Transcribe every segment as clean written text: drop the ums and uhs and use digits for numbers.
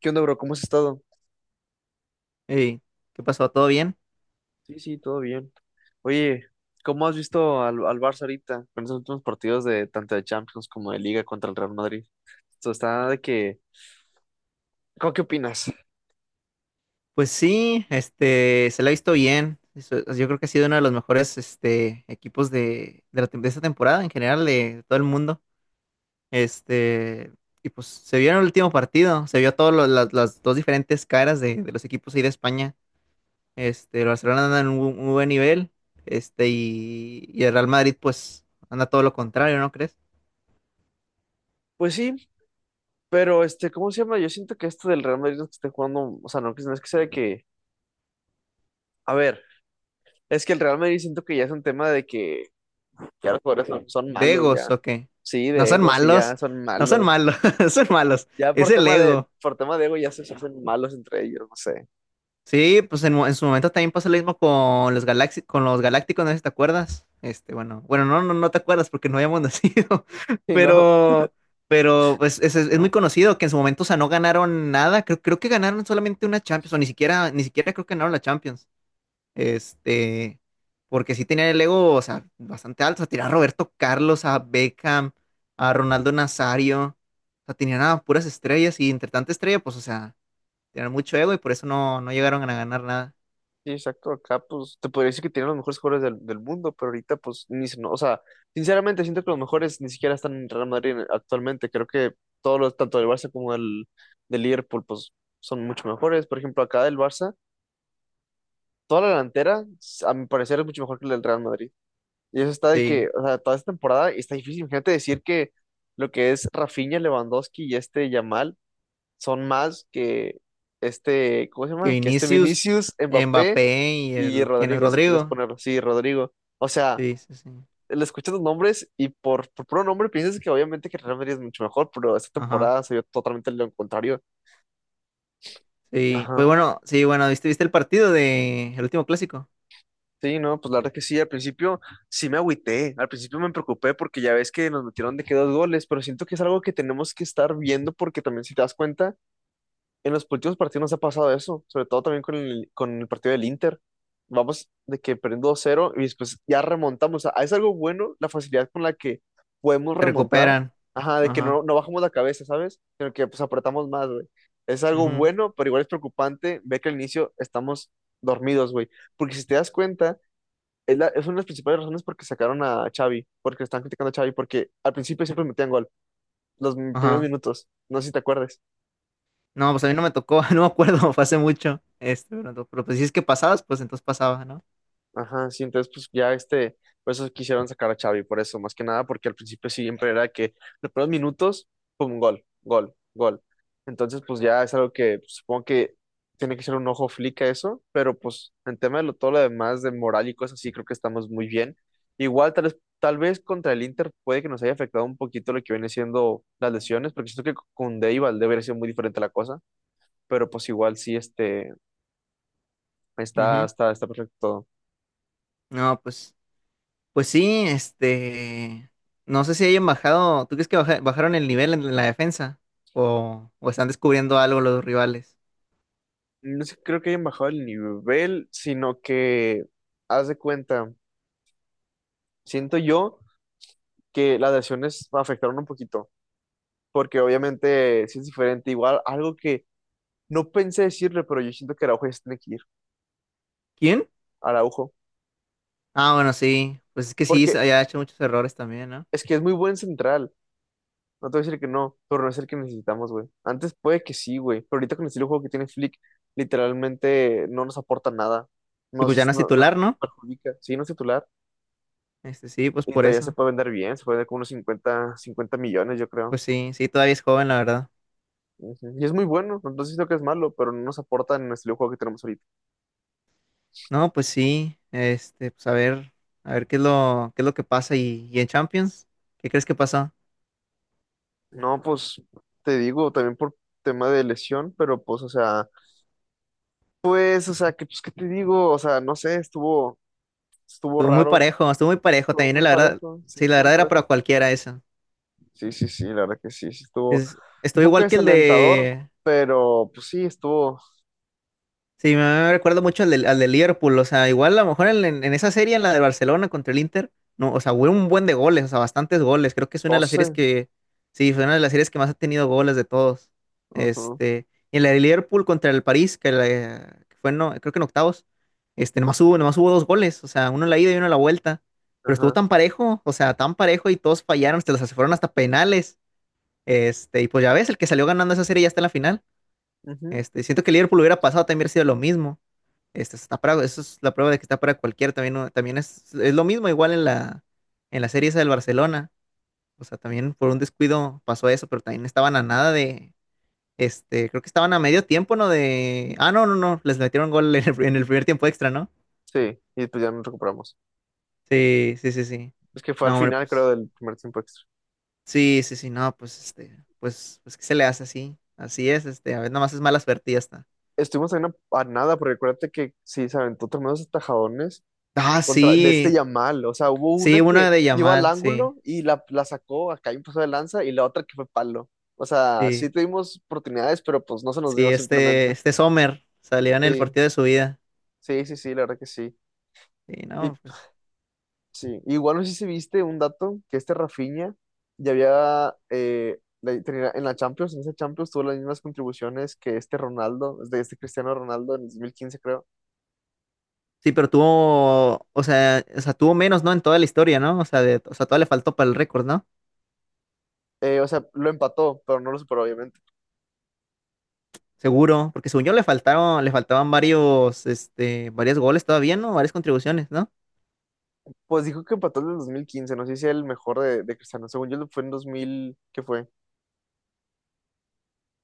¿Qué onda, bro? ¿Cómo has estado? Ey, ¿qué pasó? ¿Todo bien? Sí, sí, todo bien. Oye, ¿cómo has visto al Barça ahorita con esos últimos partidos de tanto de Champions como de Liga contra el Real Madrid? Esto está de que. ¿Cómo qué opinas? Pues sí, se la ha visto bien. Yo creo que ha sido uno de los mejores, equipos de de esta temporada en general, de todo el mundo. Este, y pues se vio en el último partido, se vio todas las dos diferentes caras de los equipos ahí de España. El Barcelona anda en un, un buen nivel, y el Real Madrid, pues, anda todo lo contrario, ¿no crees? Pues sí, pero este, ¿cómo se llama? Yo siento que esto del Real Madrid no es que esté jugando, o sea, no, no es que sea de que. A ver, es que el Real Madrid siento que ya es un tema de que ya los jugadores son malos Degos, ya. o qué? Sí, No de son ego, sí, ya malos, son no son malos. malos, son malos, Ya por es el tema de, ego. por tema de ego ya se hacen malos entre ellos, no sé. Sí, pues en su momento también pasó lo mismo con los con los galácticos, no sé si te acuerdas. Bueno, bueno, no, no, no te acuerdas porque no habíamos nacido, Y no. pero, pero pues es, es muy conocido que en su momento, o sea, no ganaron nada. Creo, creo que ganaron solamente una Champions, o ni siquiera, ni siquiera creo que ganaron la Champions. Este, Porque sí tenían el ego, o sea, bastante alto. O sea, tenían a Roberto Carlos, a Beckham, a Ronaldo Nazario. O sea, tenían a puras estrellas y entre tanta estrella, pues, o sea tener mucho ego y por eso no, no llegaron a ganar nada. Sí, exacto, acá pues te podría decir que tienen los mejores jugadores del mundo, pero ahorita pues ni se- no, o sea, sinceramente siento que los mejores ni siquiera están en Real Madrid actualmente, creo que todos los, tanto del Barça como del Liverpool pues son mucho mejores. Por ejemplo acá del Barça, toda la delantera a mi parecer es mucho mejor que la del Real Madrid, y eso está de que, Sí, o sea, toda esta temporada está difícil. Imagínate decir que lo que es Rafinha, Lewandowski y este Yamal son más que este, ¿cómo se que llama? Que este Vinicius, Vinicius, Mbappé Mbappé y y el, ¿quién es Rodrigo, si quieres Rodrigo? ponerlo sí Rodrigo. O sea, Sí, sí, sí. le escuchas los nombres y por puro nombre piensas que obviamente que Real Madrid es mucho mejor, pero esta Ajá. temporada se vio totalmente lo contrario. Sí, pues Ajá. bueno, sí, bueno, ¿viste, viste el partido de el último clásico? Sí, no, pues la verdad que sí, al principio sí me agüité, al principio me preocupé porque ya ves que nos metieron de que dos goles, pero siento que es algo que tenemos que estar viendo, porque también si te das cuenta, en los últimos partidos nos ha pasado eso, sobre todo también con el partido del Inter. Vamos de que perdiendo 2-0 y después ya remontamos. O sea, es algo bueno la facilidad con la que podemos Se remontar. recuperan. Ajá, de que Ajá. no, no bajamos la cabeza, ¿sabes? Sino que pues apretamos más, güey. Es algo Ujú. bueno, pero igual es preocupante ver que al inicio estamos dormidos, güey. Porque si te das cuenta, es una de las principales razones porque sacaron a Xavi, porque están criticando a Xavi, porque al principio siempre metían gol, los primeros Ajá. minutos. No sé si te acuerdas. No, pues a mí no me tocó, no me acuerdo, fue hace mucho. Pero pues si es que pasabas, pues entonces pasaba, ¿no? Ajá, sí, entonces pues ya este, por eso quisieron sacar a Xavi, por eso, más que nada, porque al principio siempre era que los primeros minutos, pum, gol, gol, gol. Entonces pues ya es algo que pues, supongo que tiene que ser un ojo flica eso, pero pues en tema de lo, todo lo demás de moral y cosas así, creo que estamos muy bien. Igual tal vez contra el Inter puede que nos haya afectado un poquito lo que viene siendo las lesiones, porque siento que con Dave Valdé hubiera sido muy diferente la cosa, pero pues igual sí, este, está, Ujú. está, está perfecto todo. No, pues. Pues sí, no sé si hayan bajado, ¿tú crees que bajaron el nivel en la defensa? O están descubriendo algo los rivales? No sé, creo que hayan bajado el nivel, sino que, haz de cuenta, siento yo que las lesiones me afectaron un poquito, porque obviamente sí es diferente. Igual, algo que no pensé decirle, pero yo siento que Araujo ya se tiene que ir. ¿Quién? Araujo, Ah, bueno, sí, pues es que sí, porque había hecho muchos errores también, ¿no? es que es muy buen central. No te voy a decir que no, pero no es el que necesitamos, güey. Antes puede que sí, güey, pero ahorita con el estilo de juego que tiene Flick, literalmente no nos aporta nada. Y pues ya no es Nos titular, ¿no? perjudica. Sí, no es titular. Sí, pues Y por todavía se eso. puede vender bien, se puede vender como unos cincuenta millones, yo creo. Pues sí, sí, todavía es joven, la verdad. Ujú. Y es muy bueno, no siento que es malo, pero no nos aporta en el estilo de juego que tenemos ahorita. No, pues sí, pues a ver qué es lo que pasa y en Champions, ¿qué crees que pasó? No, pues te digo, también por tema de lesión, pero pues, o sea, que, pues, ¿qué te digo? O sea, no sé, estuvo raro, Estuvo muy parejo estuvo también, muy la verdad, parejo, sí, sí, la estuvo muy verdad era para parejo. cualquiera eso. Sí, sí, sí, la verdad que sí, sí, estuvo Es, un estuvo poco igual que el desalentador, de… pero pues sí, estuvo Sí, me recuerdo mucho al de Liverpool, o sea, igual a lo mejor en, en esa serie, en la de Barcelona contra el Inter, no, o sea, hubo un buen de goles, o sea, bastantes goles, creo que es una de las series 12. que, sí, fue una de las series que más ha tenido goles de todos, Ajá, este, y en la de Liverpool contra el París, que, que fue, no, creo que en octavos, nomás hubo dos goles, o sea, uno en la ida y uno en la vuelta, pero estuvo ajá, tan parejo, o sea, tan parejo y todos fallaron, se las fueron hasta penales, y pues ya ves, el que salió ganando esa serie ya está en la final, ujú. Siento que el Liverpool hubiera pasado, también hubiera sido lo mismo. Esta está para, eso es la prueba de que está para cualquiera. También, también es lo mismo, igual en la serie esa del Barcelona. O sea, también por un descuido pasó eso, pero también estaban a nada de, creo que estaban a medio tiempo, ¿no? De, ah, no, no, no, les metieron gol en el primer tiempo extra, ¿no? Sí, y pues ya nos recuperamos. Sí, sí, sí, sí. Es que fue al No, hombre, final, creo, pues, del primer tiempo extra. sí, sí, sí, no, pues, pues, pues, ¿qué se le hace así? Así es, a ver, más es mala suerte y ya está. Estuvimos en a nada, porque acuérdate que sí, se aventó tremendos atajadones Ah, contra, de este sí, Yamal. O sea, hubo sí, una una que de iba al Yamal, sí, ángulo y la sacó, acá hay un paso de lanza, y la otra que fue palo. O sea, sí sí. tuvimos oportunidades, pero pues no se nos Sí, dio simplemente. este Sommer salió en el Sí, partido de su vida. sí, sí, sí, la verdad que sí. Sí, Y no, pues. sí, igual no sé si viste un dato que este Rafinha ya había en la Champions, en esa Champions tuvo las mismas contribuciones que este Ronaldo, de este Cristiano Ronaldo en el 2015 creo. Sí, pero tuvo, o sea, tuvo menos, ¿no? En toda la historia, ¿no? O sea, de, o sea, todavía le faltó para el récord, ¿no? O sea, lo empató, pero no lo superó obviamente. Seguro, porque según yo le faltaron, le faltaban varios, varios goles todavía, ¿no? Varias contribuciones, ¿no? Pues dijo que empató en el 2015 no sé si el mejor de Cristiano. Según yo fue en dos mil, ¿qué fue?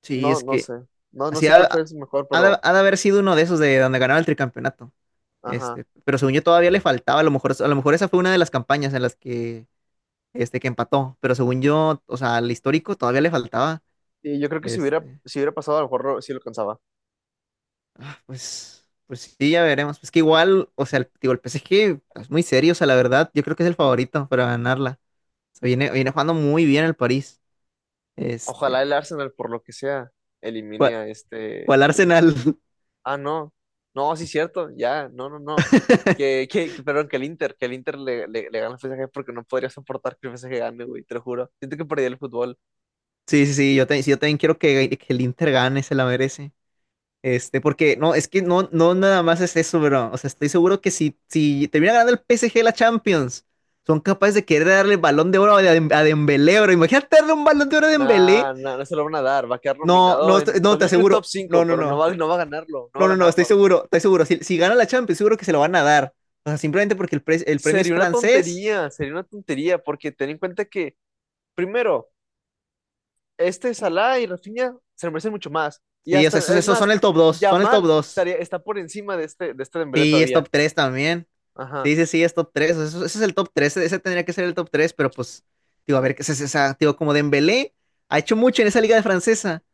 Sí, No, es no que sé. No, no así sé cuál fue el mejor, ha de pero haber sido uno de esos de donde ganaba el tricampeonato. ajá. Pero según yo todavía le faltaba, a lo mejor esa fue una de las campañas en las que, que empató, pero según yo, o sea, al histórico todavía le faltaba. Y yo creo que si hubiera, Este, si hubiera pasado, a lo mejor lo- sí lo alcanzaba. Ah, pues, pues sí, ya veremos. Es que igual, o sea, el, digo, el PSG es muy serio, o sea, la verdad, yo creo que es el favorito para ganarla. O sea, viene, viene jugando muy bien el París. Ojalá el Este, Arsenal, por lo que sea, elimine ¿Cuál, a este. cuál Arsenal? Ah, no. No, sí, cierto. Ya, no, no, no. Perdón, que el Inter le gana al PSG porque no podría soportar que el PSG gane, güey, te lo juro. Siento que perdí el fútbol. Sí, sí, sí, yo también quiero que el Inter gane, se la merece. Porque no, es que no, no nada más es eso, bro. O sea, estoy seguro que si, si termina ganando el PSG la Champions, son capaces de querer darle el balón de oro a, a Dembélé, bro. Imagínate darle un balón de oro a Nah, Dembélé. nah, no se lo van a dar. Va a quedar No, nominado no, en no, top, te yo creo en top aseguro. No, cinco, no, pero no no. va, no va a ganarlo, no va a No, no, no, estoy ganarlo. seguro, estoy seguro. Si, si gana la Champions, seguro que se lo van a dar. O sea, simplemente porque el, el premio es francés. Sería una tontería, porque ten en cuenta que, primero, este Salah y Rafinha se lo merecen mucho más. Y Sí, o sea, hasta, esos, es esos más, son el top 2, son el top Yamal 2. estaría, está por encima de este, Dembélé Sí, es todavía. top 3 también. Ajá. Sí, sí, sí, es top 3. Eso es el top 3. Ese tendría que ser el top 3. Pero pues, digo, a ver, qué es esa, digo, como Dembélé ha hecho mucho en esa liga de francesa.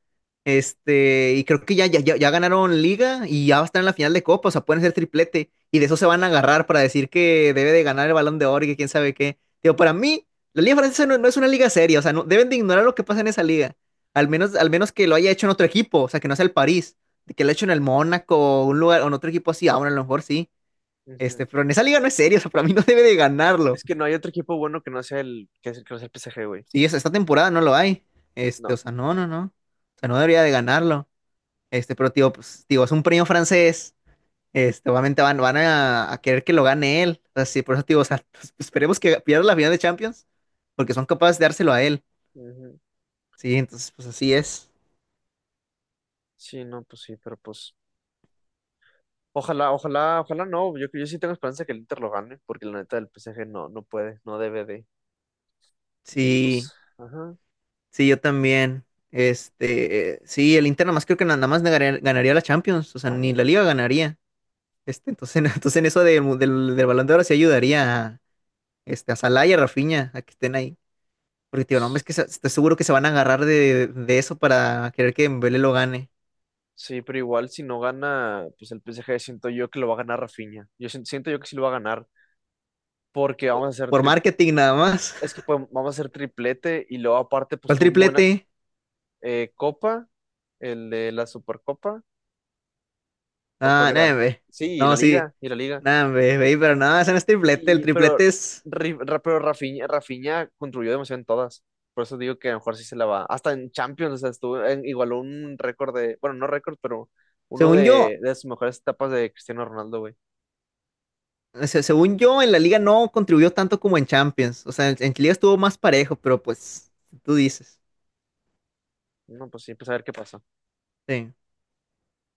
Y creo que ya, ya, ya, ya ganaron liga y ya va a estar en la final de Copa, o sea, pueden ser triplete y de eso se van a agarrar para decir que debe de ganar el Balón de Oro y que quién sabe qué. Digo, para mí, la Liga Francesa no, no es una liga seria, o sea, no, deben de ignorar lo que pasa en esa liga, al menos que lo haya hecho en otro equipo, o sea, que no sea el París, que lo haya hecho en el Mónaco o un lugar, o en otro equipo así, aún a lo mejor sí, pero en esa liga no es serio, o sea, para mí no debe de ganarlo. Es que no hay otro equipo bueno que no sea el que es el que no sea el PSG, güey. Sí, esta temporada no lo hay, No. o sea, no, no, no, o sea, no debería de ganarlo. Pero tío, pues, tío, es un premio francés. Obviamente van, van a querer que lo gane él. O sea, sí, por eso, tío, o sea, pues, esperemos que pierda la final de Champions, porque son capaces de dárselo a él. Ujú. Sí, entonces, pues así es. Sí, no, pues sí, pero pues ojalá, ojalá, ojalá no. Yo sí tengo esperanza que el Inter lo gane, porque la neta del PSG no, no puede, no debe de. Y Sí, pues, ajá. sí, yo también. Sí, el Inter nada más creo que nada más ganaría, ganaría la Champions, o sea, ni la Liga ganaría. Entonces, entonces en eso del del Balón de Oro sí ayudaría a, a Salah y a Rafinha a que estén ahí. Porque, tío, no, hombre es que estoy seguro que se van a agarrar de eso para querer que Mbele lo gane. Sí, pero igual si no gana, pues el PSG siento yo que lo va a ganar Rafinha. Yo siento yo que sí lo va a ganar, porque Por marketing nada más. Vamos a hacer triplete y luego aparte pues ¿Cuál tuvo buena triplete? Copa, el de la Supercopa, ¿o cuál Ah, nada, era? ve. Sí, y la No, sí. Liga, y la Liga. Nada, ve, ve, pero nada, ese no es triplete. El Y, triplete es, pero Rafinha contribuyó demasiado en todas. Por eso digo que a lo mejor sí se la va. Hasta en Champions, o sea, estuvo, igualó un récord de, bueno, no récord, pero uno según yo, de sus mejores etapas de Cristiano Ronaldo, güey. Según yo, en la liga no contribuyó tanto como en Champions. O sea, en liga estuvo más parejo, pero pues, tú dices. No, pues sí, pues a ver qué pasa. Sí.